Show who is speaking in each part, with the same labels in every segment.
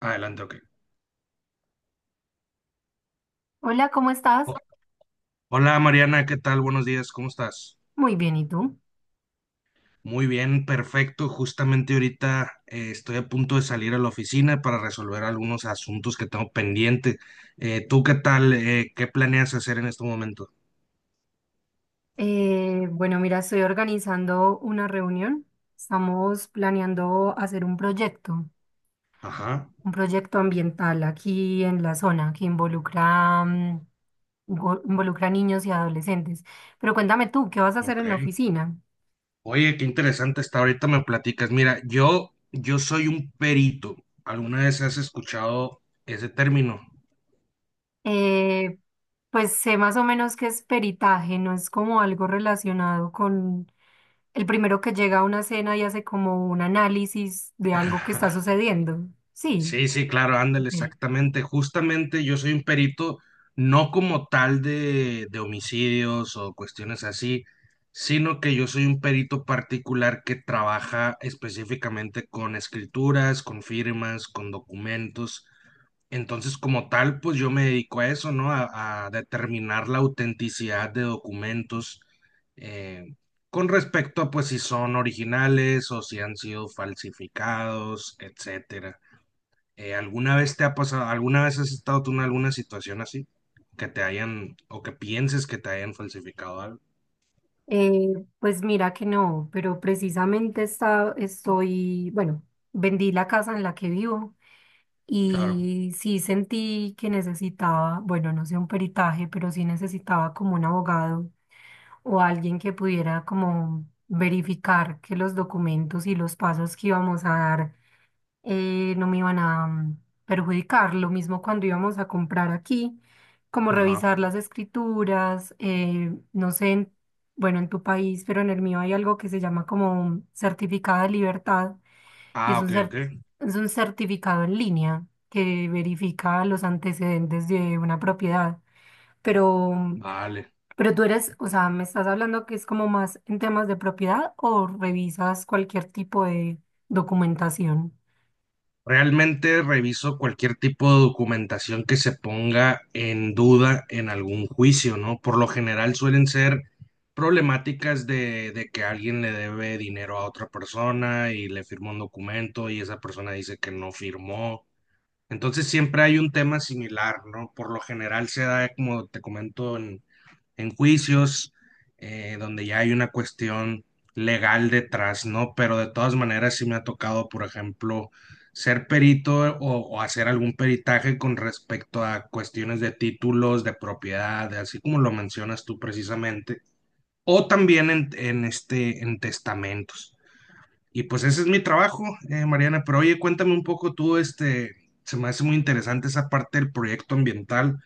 Speaker 1: Adelante, ok.
Speaker 2: Hola, ¿cómo estás?
Speaker 1: Ho- Hola Mariana, ¿qué tal? Buenos días, ¿cómo estás?
Speaker 2: Muy bien, ¿y tú?
Speaker 1: Muy bien, perfecto. Justamente ahorita estoy a punto de salir a la oficina para resolver algunos asuntos que tengo pendiente. ¿Tú qué tal? ¿Qué planeas hacer en este momento?
Speaker 2: Bueno, mira, estoy organizando una reunión. Estamos planeando hacer
Speaker 1: Ajá,
Speaker 2: un proyecto ambiental aquí en la zona que involucra niños y adolescentes. Pero cuéntame tú, ¿qué vas a hacer
Speaker 1: ok.
Speaker 2: en la oficina?
Speaker 1: Oye, qué interesante está. Ahorita me platicas. Mira, yo soy un perito. ¿Alguna vez has escuchado ese término?
Speaker 2: Eh, pues sé más o menos que es peritaje, no es como algo relacionado con el primero que llega a una cena y hace como un análisis de algo que está sucediendo. Sí.
Speaker 1: Sí, sí, claro, ándale,
Speaker 2: Ok.
Speaker 1: exactamente. Justamente yo soy un perito, no como tal de homicidios o cuestiones así, sino que yo soy un perito particular que trabaja específicamente con escrituras, con firmas, con documentos. Entonces, como tal, pues yo me dedico a eso, ¿no? A determinar la autenticidad de documentos eh, con respecto a, pues, si son originales o si han sido falsificados, etcétera. ¿Alguna vez te ha pasado, alguna vez has estado tú en alguna situación así? Que te hayan, o que pienses que te hayan falsificado algo.
Speaker 2: Eh, pues mira que no, pero estoy, bueno, vendí la casa en la que vivo
Speaker 1: Claro.
Speaker 2: y sí sentí que necesitaba, bueno, no sé, un peritaje, pero sí necesitaba como un abogado o alguien que pudiera como verificar que los documentos y los pasos que íbamos a dar no me iban a perjudicar. Lo mismo cuando íbamos a comprar aquí, como
Speaker 1: Ajá.
Speaker 2: revisar las escrituras, no sé, bueno, en tu país, pero en el mío hay algo que se llama como certificado de libertad y es
Speaker 1: Ah, ok, ok.
Speaker 2: es un certificado en línea que verifica los antecedentes de una propiedad. Pero, mm,
Speaker 1: Vale.
Speaker 2: pero tú eres, o sea, me estás hablando que es como más en temas de propiedad o revisas cualquier tipo de documentación.
Speaker 1: Realmente reviso cualquier tipo de documentación que se ponga en duda en algún juicio, ¿no? Por lo general suelen ser problemáticas de que alguien le debe dinero a otra persona y le firma un documento y esa persona dice que no firmó. Entonces siempre hay un tema similar, ¿no? Por lo general se da, como te comento, en juicios, donde ya hay una cuestión legal detrás, ¿no? Pero de todas maneras sí me ha tocado, por ejemplo, ser perito o hacer algún peritaje con respecto a cuestiones de títulos, de propiedad, así como lo mencionas tú precisamente, o también en este, en testamentos. Y pues ese es mi trabajo, Mariana. Pero oye, cuéntame un poco tú, este, se me hace muy interesante esa parte del proyecto ambiental.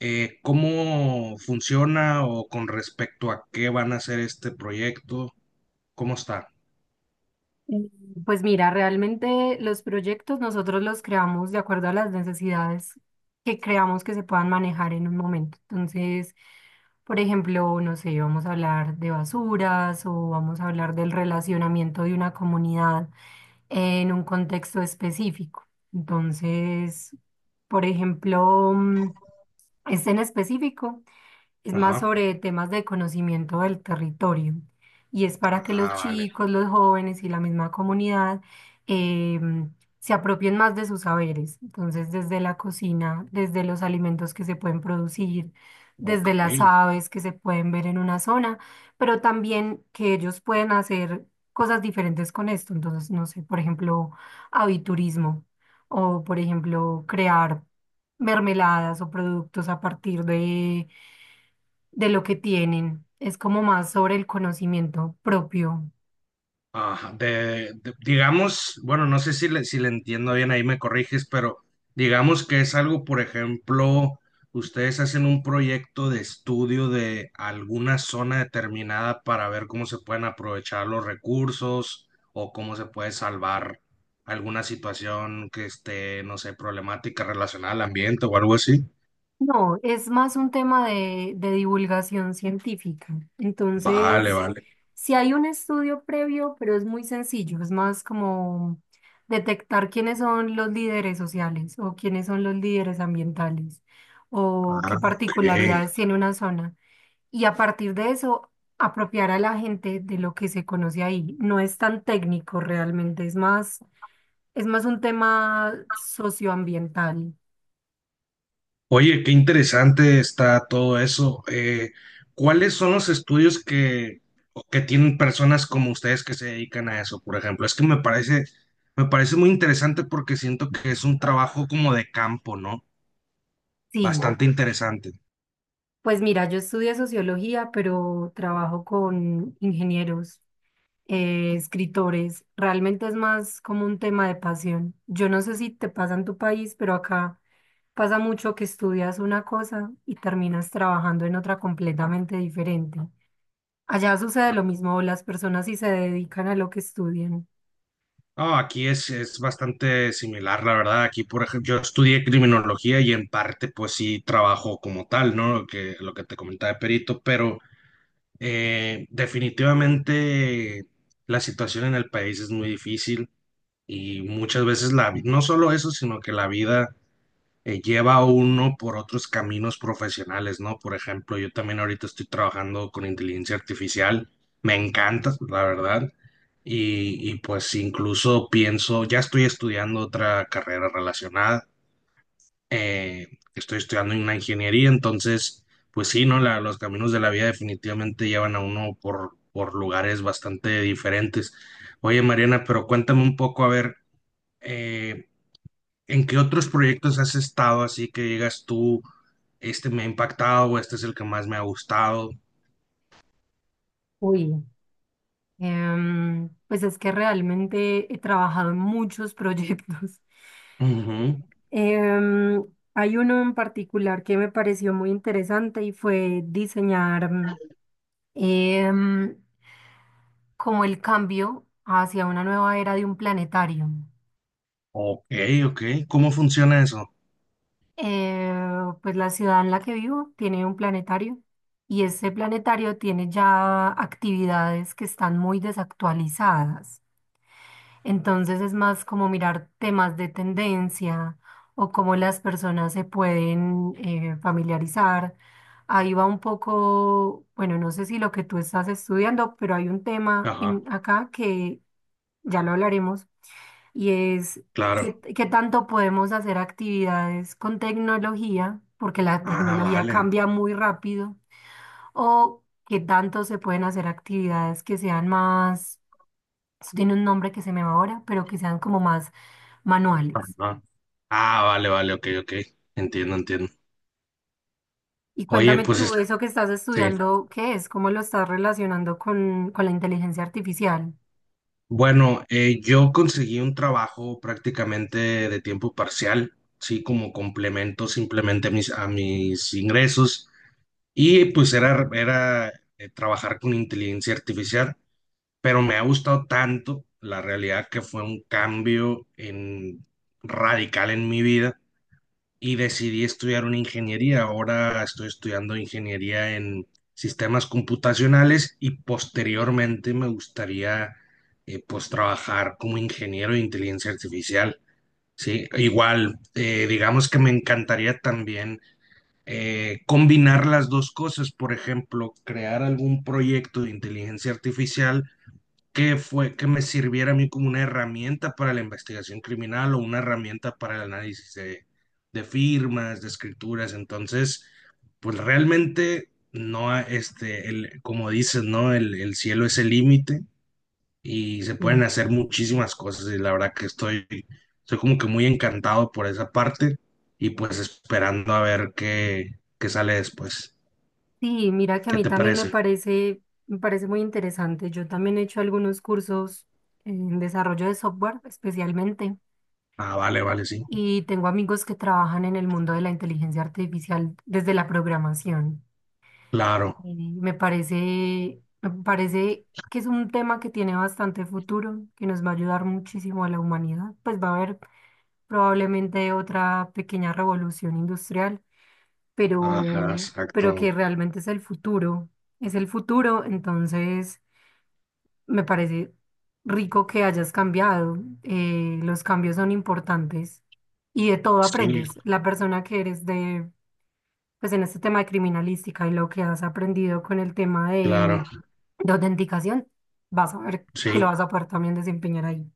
Speaker 1: ¿Cómo funciona o con respecto a qué van a hacer este proyecto? ¿Cómo está?
Speaker 2: Mm, Pues mira, realmente los proyectos nosotros los creamos de acuerdo a las necesidades que creamos que se puedan manejar en un momento. Entonces, por ejemplo, no sé, vamos a hablar de basuras o vamos a hablar del relacionamiento de una comunidad en un contexto específico. Entonces, por ejemplo, este en específico es más
Speaker 1: Ajá.
Speaker 2: sobre temas de conocimiento del territorio y es para que los
Speaker 1: Ah, vale.
Speaker 2: chicos, los jóvenes y la misma comunidad em, se apropien más de sus saberes. Entonces, desde la cocina, desde los alimentos que se pueden producir,
Speaker 1: Ok,
Speaker 2: desde las aves que se pueden ver en una zona, pero también que ellos pueden hacer cosas diferentes con esto. Entonces, no sé, por ejemplo, aviturismo. O, por ejemplo, crear mermeladas o productos a partir de lo que tienen. Es como más sobre el conocimiento propio.
Speaker 1: ajá, digamos, bueno, no sé si si le entiendo bien, ahí me corriges, pero digamos que es algo, por ejemplo, ustedes hacen un proyecto de estudio de alguna zona determinada para ver cómo se pueden aprovechar los recursos o cómo se puede salvar alguna situación que esté, no sé, problemática relacionada al ambiente o algo así.
Speaker 2: No, es más un tema de divulgación científica.
Speaker 1: Vale,
Speaker 2: Entonces,
Speaker 1: vale.
Speaker 2: si hay un estudio previo, pero es muy sencillo, es más como detectar quiénes son los líderes sociales o quiénes son los líderes ambientales o
Speaker 1: Ah,
Speaker 2: qué
Speaker 1: ok.
Speaker 2: particularidades tiene una zona. Y a partir de eso apropiar a la gente de lo que se conoce ahí. No es tan técnico realmente, es más un tema socioambiental.
Speaker 1: Oye, qué interesante está todo eso. ¿Cuáles son los estudios que tienen personas como ustedes que se dedican a eso, por ejemplo? Es que me parece muy interesante porque siento que es un trabajo como de campo, ¿no?
Speaker 2: Sí,
Speaker 1: Bastante interesante.
Speaker 2: pues mira, yo estudié sociología, pero trabajo con ingenieros, escritores. Realmente es más como un tema de pasión. Yo no sé si te pasa en tu país, pero acá pasa mucho que estudias una cosa y terminas trabajando en otra completamente diferente. Allá sucede lo mismo, las personas sí se dedican a lo que estudian.
Speaker 1: Ah, aquí es bastante similar, la verdad. Aquí, por ejemplo, yo estudié criminología y en parte, pues sí, trabajo como tal, ¿no? Lo que te comentaba de perito, pero... definitivamente la situación en el país es muy difícil y muchas veces no solo eso, sino que la vida lleva a uno por otros caminos profesionales, ¿no? Por ejemplo, yo también ahorita estoy trabajando con inteligencia artificial, me encanta, la verdad, y pues incluso pienso, ya estoy estudiando otra carrera relacionada eh, estoy estudiando una ingeniería, entonces, pues sí, ¿no? Los caminos de la vida definitivamente llevan a uno por lugares bastante diferentes. Oye, Mariana, pero cuéntame un poco, a ver, eh, ¿en qué otros proyectos has estado así que digas tú, este me ha impactado o este es el que más me ha gustado?
Speaker 2: Uy, pues es que realmente he trabajado en muchos proyectos.
Speaker 1: Ujú.
Speaker 2: Em, Hay uno en particular que me pareció muy interesante y fue diseñar em, como el cambio hacia una nueva era de un planetario.
Speaker 1: Ok, ok. ¿Cómo funciona eso?
Speaker 2: Eh, pues la ciudad en la que vivo tiene un planetario y ese planetario tiene ya actividades que están muy desactualizadas. Entonces es más como mirar temas de tendencia o cómo las personas se pueden familiarizar. Ahí va un poco, bueno, no sé si lo que tú estás estudiando, pero hay un tema
Speaker 1: Ajá,
Speaker 2: en acá que ya lo hablaremos y es
Speaker 1: claro.
Speaker 2: qué, qué tanto podemos hacer actividades con tecnología, porque la
Speaker 1: Ah,
Speaker 2: tecnología
Speaker 1: vale.
Speaker 2: cambia muy rápido, o qué tanto se pueden hacer actividades que sean más, eso tiene un nombre que se me va ahora, pero que sean como más manuales.
Speaker 1: Ajá. Ah, vale, vale, ok, ok. Entiendo, entiendo.
Speaker 2: Y
Speaker 1: Oye,
Speaker 2: cuéntame
Speaker 1: pues
Speaker 2: tú, eso que estás
Speaker 1: sí.
Speaker 2: estudiando, ¿qué es? ¿Cómo lo estás relacionando con la inteligencia artificial?
Speaker 1: Bueno, yo conseguí un trabajo prácticamente de tiempo parcial, sí, como complemento simplemente a a mis ingresos y pues era trabajar con inteligencia artificial, pero me ha gustado tanto la realidad que fue un cambio radical en mi vida y decidí estudiar una ingeniería. Ahora estoy estudiando ingeniería en sistemas computacionales y posteriormente me gustaría pues trabajar como ingeniero de inteligencia artificial. Sí, igual, digamos que me encantaría también combinar las dos cosas, por ejemplo, crear algún proyecto de inteligencia artificial que fue que me sirviera a mí como una herramienta para la investigación criminal o una herramienta para el análisis de firmas, de escrituras. Entonces, pues realmente no, este, como dices, ¿no? El cielo es el límite y se pueden
Speaker 2: Sí.
Speaker 1: hacer muchísimas cosas y la verdad que estoy como que muy encantado por esa parte y pues esperando a ver qué sale después.
Speaker 2: Sí, mira que a
Speaker 1: ¿Qué
Speaker 2: mí
Speaker 1: te
Speaker 2: también
Speaker 1: parece?
Speaker 2: me parece muy interesante. Yo también he hecho algunos cursos en desarrollo de software especialmente
Speaker 1: Ah, vale, vale, sí.
Speaker 2: y tengo amigos que trabajan en el mundo de la inteligencia artificial desde la programación.
Speaker 1: Claro.
Speaker 2: Y me parece que es un tema que tiene bastante futuro, que nos va a ayudar muchísimo a la humanidad. Pues va a haber probablemente otra pequeña revolución industrial,
Speaker 1: Ajá,
Speaker 2: pero que
Speaker 1: exacto.
Speaker 2: realmente es el futuro. Es el futuro, entonces me parece rico que hayas cambiado, los cambios son importantes y de todo
Speaker 1: Sí,
Speaker 2: aprendes. La persona que eres de, pues en este tema de criminalística y lo que has aprendido con el tema
Speaker 1: claro,
Speaker 2: de autenticación, vas a ver que lo
Speaker 1: sí.
Speaker 2: vas a poder también desempeñar ahí.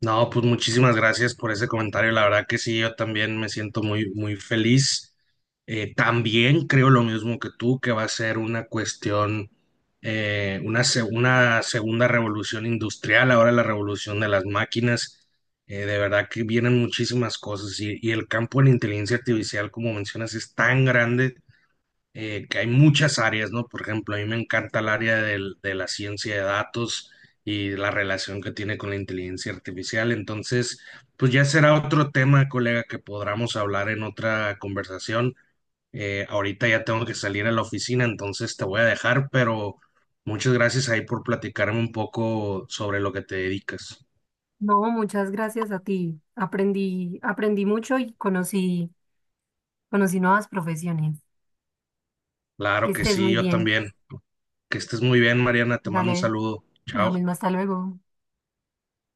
Speaker 1: No, pues muchísimas gracias por ese comentario. La verdad que sí, yo también me siento muy, muy feliz. También creo lo mismo que tú, que va a ser una cuestión, una segunda revolución industrial, ahora la revolución de las máquinas. De verdad que vienen muchísimas cosas y el campo de la inteligencia artificial, como mencionas, es tan grande que hay muchas áreas, ¿no? Por ejemplo, a mí me encanta el área de la ciencia de datos y la relación que tiene con la inteligencia artificial. Entonces, pues ya será otro tema, colega, que podamos hablar en otra conversación. Ahorita ya tengo que salir a la oficina, entonces te voy a dejar, pero muchas gracias ahí por platicarme un poco sobre lo que te dedicas.
Speaker 2: No, muchas gracias a ti. Aprendí, aprendí mucho y conocí, conocí nuevas profesiones. Que
Speaker 1: Claro que
Speaker 2: estés
Speaker 1: sí,
Speaker 2: muy
Speaker 1: yo
Speaker 2: bien.
Speaker 1: también. Que estés muy bien, Mariana. Te mando un
Speaker 2: Dale,
Speaker 1: saludo.
Speaker 2: lo
Speaker 1: Chao.
Speaker 2: mismo, hasta luego.